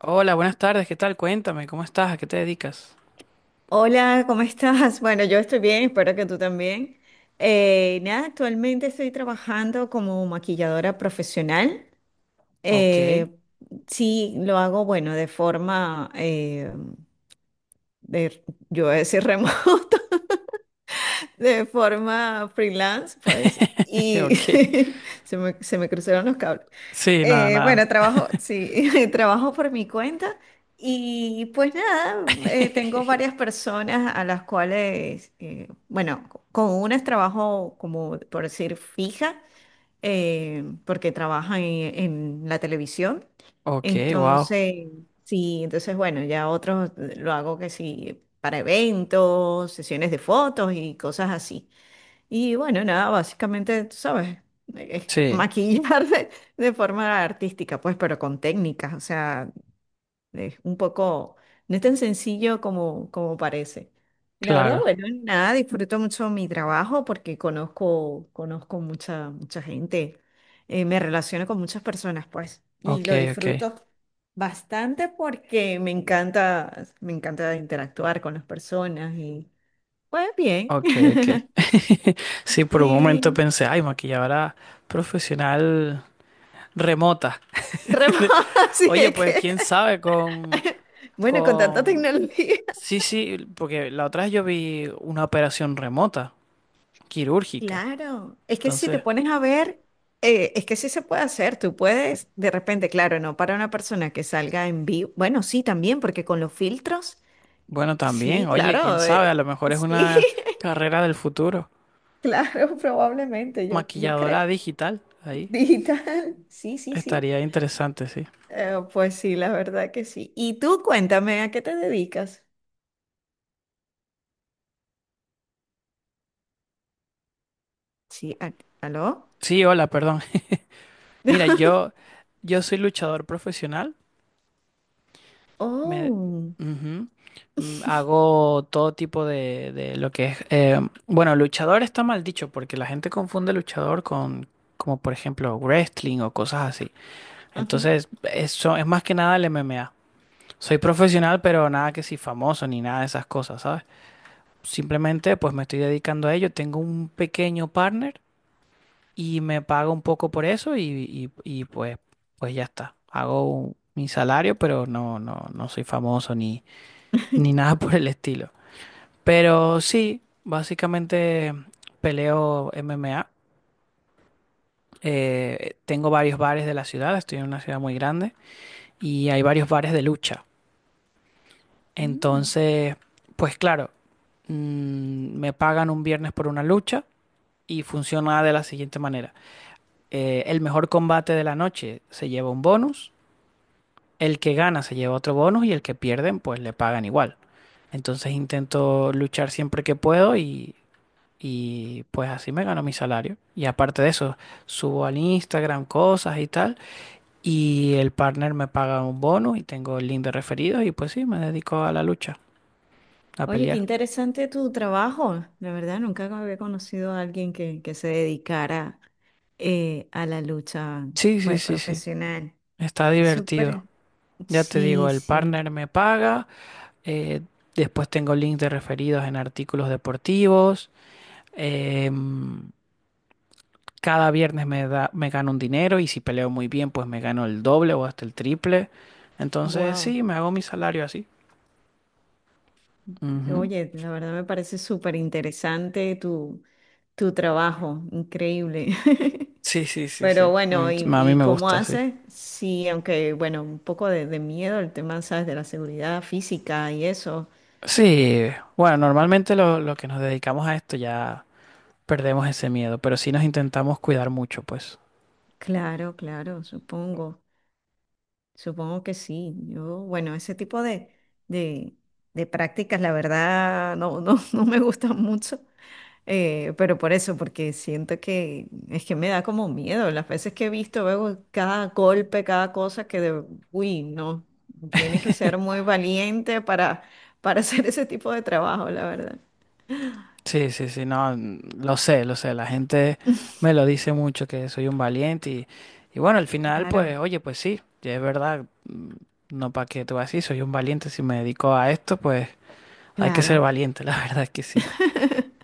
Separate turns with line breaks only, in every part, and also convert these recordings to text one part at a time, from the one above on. Hola, buenas tardes, ¿qué tal? Cuéntame, ¿cómo estás? ¿A qué te dedicas?
Hola, ¿cómo estás? Bueno, yo estoy bien, espero que tú también. Nada, actualmente estoy trabajando como maquilladora profesional.
Ok.
Eh, sí, lo hago, bueno, de forma, de, yo voy a decir remota, de forma freelance, pues, y
Ok.
se me cruzaron los cables.
Sí, nada, nada.
Bueno, trabajo, sí, trabajo por mi cuenta y pues nada, tengo varias personas a las cuales, bueno, con unas trabajo como por decir fija, porque en la televisión.
Ok, wow.
Entonces, sí, entonces bueno, ya otros lo hago que sí, para eventos, sesiones de fotos y cosas así. Y bueno, nada, básicamente, tú sabes, es
Sí,
maquillar de forma artística, pues, pero con técnicas, o sea, es un poco, no es tan sencillo como, como parece. Y la verdad,
claro.
bueno, nada, disfruto mucho mi trabajo porque conozco mucha, mucha gente, me relaciono con muchas personas, pues, y
Ok,
lo
ok.
disfruto bastante porque me encanta interactuar con las personas y, pues, bien.
Ok, ok. Sí, por un momento
Sí.
pensé, ay, maquilladora profesional remota.
Remoto, así
Oye,
es
pues
que,
quién sabe con,
bueno, con tanta
con...
tecnología.
Sí, sí, porque la otra vez yo vi una operación remota, quirúrgica.
Claro, es que si te
Entonces,
pones a ver, es que sí se puede hacer, tú puedes, de repente, claro, no para una persona que salga en vivo, bueno, sí, también, porque con los filtros,
bueno,
sí,
también, oye, quién
claro,
sabe, a lo mejor es una carrera del futuro.
claro, probablemente, yo creo,
Maquilladora digital, ahí
digital, sí, sí, sí.
estaría interesante, sí.
Pues sí, la verdad que sí. Y tú cuéntame, ¿a qué te dedicas? Sí, ¿aló?
Sí, hola, perdón. Mira, yo, yo soy luchador profesional, me,
Oh,
ujú, hago todo tipo de lo que es, bueno, luchador está mal dicho porque la gente confunde luchador con, como por ejemplo, wrestling o cosas así.
ujú.
Entonces, eso es más que nada el MMA. Soy profesional, pero nada que si famoso ni nada de esas cosas, ¿sabes? Simplemente pues me estoy dedicando a ello. Tengo un pequeño partner y me paga un poco por eso y, pues, pues ya está. Hago un- mi salario, pero no, no soy famoso ni, ni nada por el estilo. Pero sí, básicamente peleo MMA. Tengo varios bares de la ciudad, estoy en una ciudad muy grande y hay varios bares de lucha.
Mm.
Entonces, pues claro, me pagan un viernes por una lucha y funciona de la siguiente manera. El mejor combate de la noche se lleva un bonus. El que gana se lleva otro bonus y el que pierden pues le pagan igual. Entonces intento luchar siempre que puedo y pues así me gano mi salario. Y aparte de eso, subo al Instagram cosas y tal. Y el partner me paga un bonus y tengo el link de referidos y pues sí, me dedico a la lucha, a
Oye, qué
pelear.
interesante tu trabajo. La verdad, nunca había conocido a alguien que se dedicara a la lucha,
Sí, sí,
pues,
sí, sí.
profesional.
Está
Es
divertido.
súper.
Ya te digo,
Sí,
el
sí.
partner me paga. eh, Después tengo links de referidos en artículos deportivos. em, Cada viernes me da, me gano un dinero y si peleo muy bien, pues me gano el doble o hasta el triple. Entonces,
Wow.
sí, me hago mi salario así. Ujú.
Oye, la verdad me parece súper interesante tu trabajo. Increíble.
Sí, sí, sí,
Pero
sí. A
bueno,
mí, a mí
y
me
cómo
gusta sí.
haces? Sí, aunque, bueno, un poco de miedo el tema, ¿sabes? De la seguridad física y eso.
Sí, bueno, normalmente lo que nos dedicamos a esto ya perdemos ese miedo, pero sí nos intentamos cuidar mucho, pues.
Claro, claro, supongo. Supongo que sí. Yo, bueno, ese tipo de, de prácticas, la verdad, no, no, no me gustan mucho. Eh, pero por eso, porque siento que es que me da como miedo. Las veces que he visto, veo cada golpe, cada cosa uy, no, tiene que ser muy valiente para hacer ese tipo de trabajo, la verdad.
Sí, sí, sí, no, lo sé, la gente me lo dice mucho que soy un valiente y bueno, al final,
Claro,
pues, oye, pues sí, ya es verdad, mm, no para qué te vas a soy un valiente, si me dedico a esto, pues hay que ser
claro.
valiente, la verdad es que sí.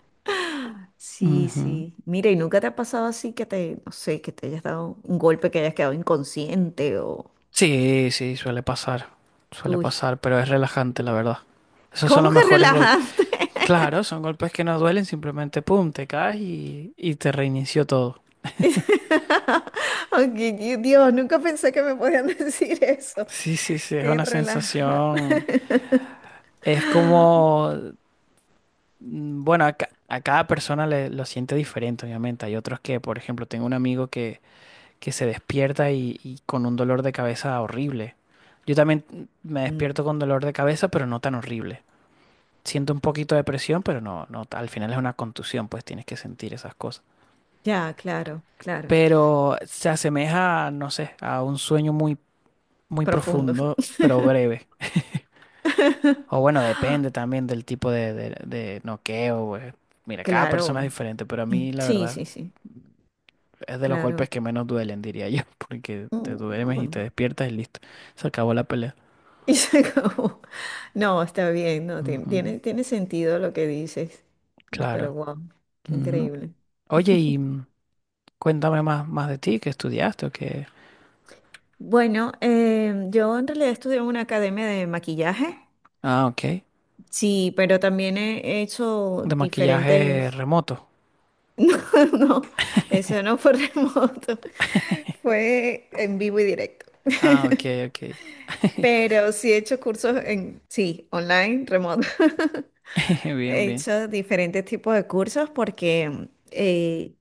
Sí,
Ujú.
sí. Mira, ¿y nunca te ha pasado así que te, no sé, que te hayas dado un golpe, que hayas quedado inconsciente o...
Sí, sí, suele
Uy,
pasar, pero es relajante, la verdad. Esos son
¿cómo
los
que
mejores golpes.
relajante?
Claro, son golpes que no duelen, simplemente, pum, te caes y te reinició todo.
Ay, Dios, nunca pensé que me podían decir eso.
Sí, sí, sí, es
Qué
una
relajante.
sensación, es como... Bueno, a cada persona le, lo siente diferente, obviamente. Hay otros que, por ejemplo, tengo un amigo que se despierta y con un dolor de cabeza horrible. Yo también me
Mm,
despierto con dolor de cabeza, pero no tan horrible. Siento un poquito de presión, pero no, no, al final es una contusión, pues tienes que sentir esas cosas.
ya, claro, claro.
Pero se asemeja, no sé, a un sueño muy, muy
Profundo.
profundo, pero breve. O bueno, depende también del tipo de noqueo, pues. Mira, cada persona es
Claro.
diferente, pero a
Mm,
mí, la
sí,
verdad.
sí, sí.
Es de los
Claro.
golpes que menos duelen, diría yo, porque te
Mm,
duermes y te
mm.
despiertas y listo. Se acabó la pelea.
Y se acabó. No, está bien, no, tiene,
Ujú,
tiene sentido lo que dices, pero
claro.
wow, qué
Ujú.
increíble.
Oye, y cuéntame más de ti, qué estudiaste o qué.
Bueno, yo en realidad estudié en una academia de maquillaje,
Ah, ok.
sí, pero también he hecho
De maquillaje
diferentes,
remoto.
no, eso no fue remoto, fue en vivo y directo.
Ah, ok, ok.
Pero sí he hecho cursos sí, online, remoto.
Bien,
He
bien.
hecho diferentes tipos de cursos porque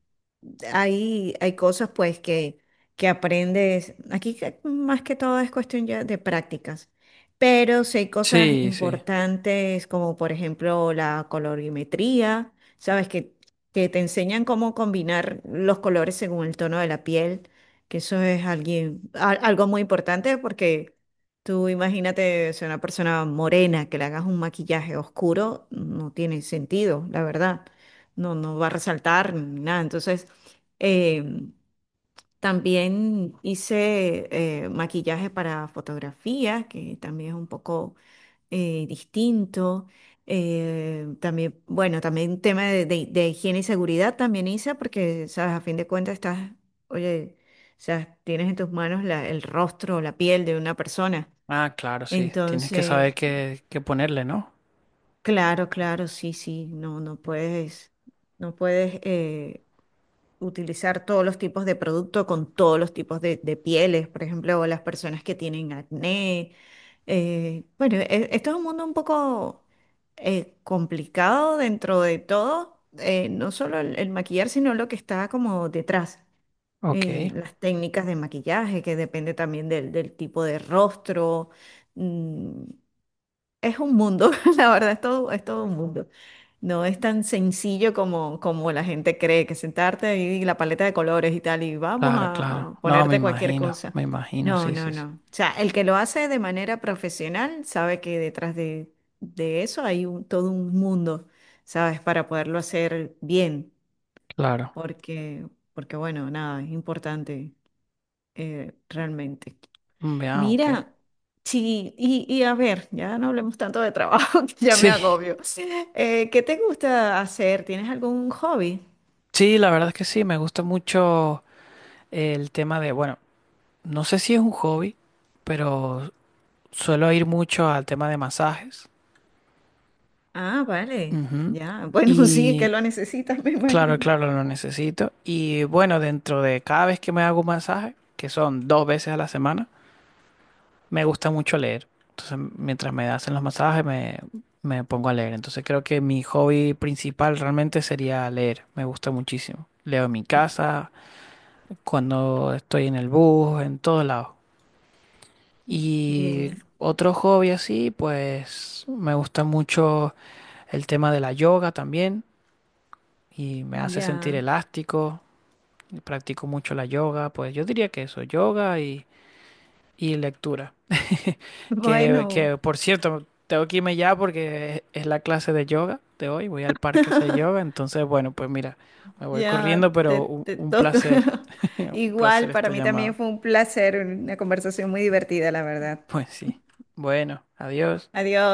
hay, hay cosas que aprendes. Aquí más que todo es cuestión ya de prácticas. Pero sí hay cosas
Sí, sí.
importantes como por ejemplo la colorimetría, ¿sabes? Que te enseñan cómo combinar los colores según el tono de la piel, que eso es algo muy importante porque tú imagínate ser una persona morena que le hagas un maquillaje oscuro, no tiene sentido, la verdad no, no va a resaltar ni nada. Entonces, em, también hice maquillaje para fotografía, que también es un poco distinto. También, bueno, también tema de higiene y seguridad también hice, porque, sabes, a fin de cuentas estás, oye, o sea, tienes en tus manos el rostro o la piel de una persona.
Ah, claro, sí. Tienes que saber
Entonces,
qué ponerle, ¿no?
claro, claro, sí, sí, no, no puedes, no puedes utilizar todos los tipos de producto con todos los tipos de pieles, por ejemplo, o las personas que tienen acné. Bueno, esto es un mundo un poco complicado dentro de todo, no solo el maquillar, sino lo que está como detrás. Eh,
Ok.
las técnicas de maquillaje, que depende también del tipo de rostro. Mm, es un mundo, la verdad, es todo un mundo. No es tan sencillo como, como la gente cree, que sentarte ahí y la paleta de colores y tal, y vamos
Claro,
a
claro. No,
ponerte cualquier cosa.
me imagino,
No,
sí,
no,
sí, sí.
no. O sea, el que lo hace de manera profesional sabe que detrás de eso hay un, todo un mundo, ¿sabes? Para poderlo hacer bien,
Claro.
porque, porque bueno, nada, es importante realmente.
Mm, ah, ok.
Mira, sí, y a ver, ya no hablemos tanto de trabajo, que ya me
Sí,
agobio. ¿Qué te gusta hacer? ¿Tienes algún hobby?
sí, la verdad es que sí, me gusta mucho. El tema de, bueno, no sé si es un hobby, pero suelo ir mucho al tema de masajes.
Ah, vale,
Ujú.
ya. Bueno, sí, es que
Y
lo necesitas, me
claro,
imagino.
claro, lo necesito. Y bueno, dentro de cada vez que me hago un masaje, que son dos veces a la semana, me gusta mucho leer. Entonces, mientras me hacen los masajes, me pongo a leer. Entonces, creo que mi hobby principal realmente sería leer. Me gusta muchísimo. Leo en mi casa, cuando estoy en el bus, en todos lados. Y
Bien,
otro hobby así, pues me gusta mucho el tema de la yoga también y me hace sentir
ya.
elástico. Y practico mucho la yoga, pues yo diría que eso, yoga y lectura.
Bueno,
Que por cierto, tengo que irme ya porque es la clase de yoga de hoy. Voy al parque a hacer yoga, entonces bueno, pues mira, me voy corriendo,
ya
pero
te, te
un
toca.
placer, un
Igual,
placer
para
esta
mí también
llamada.
fue un placer, una conversación muy divertida, la verdad.
Pues sí. Bueno, adiós.
Adiós.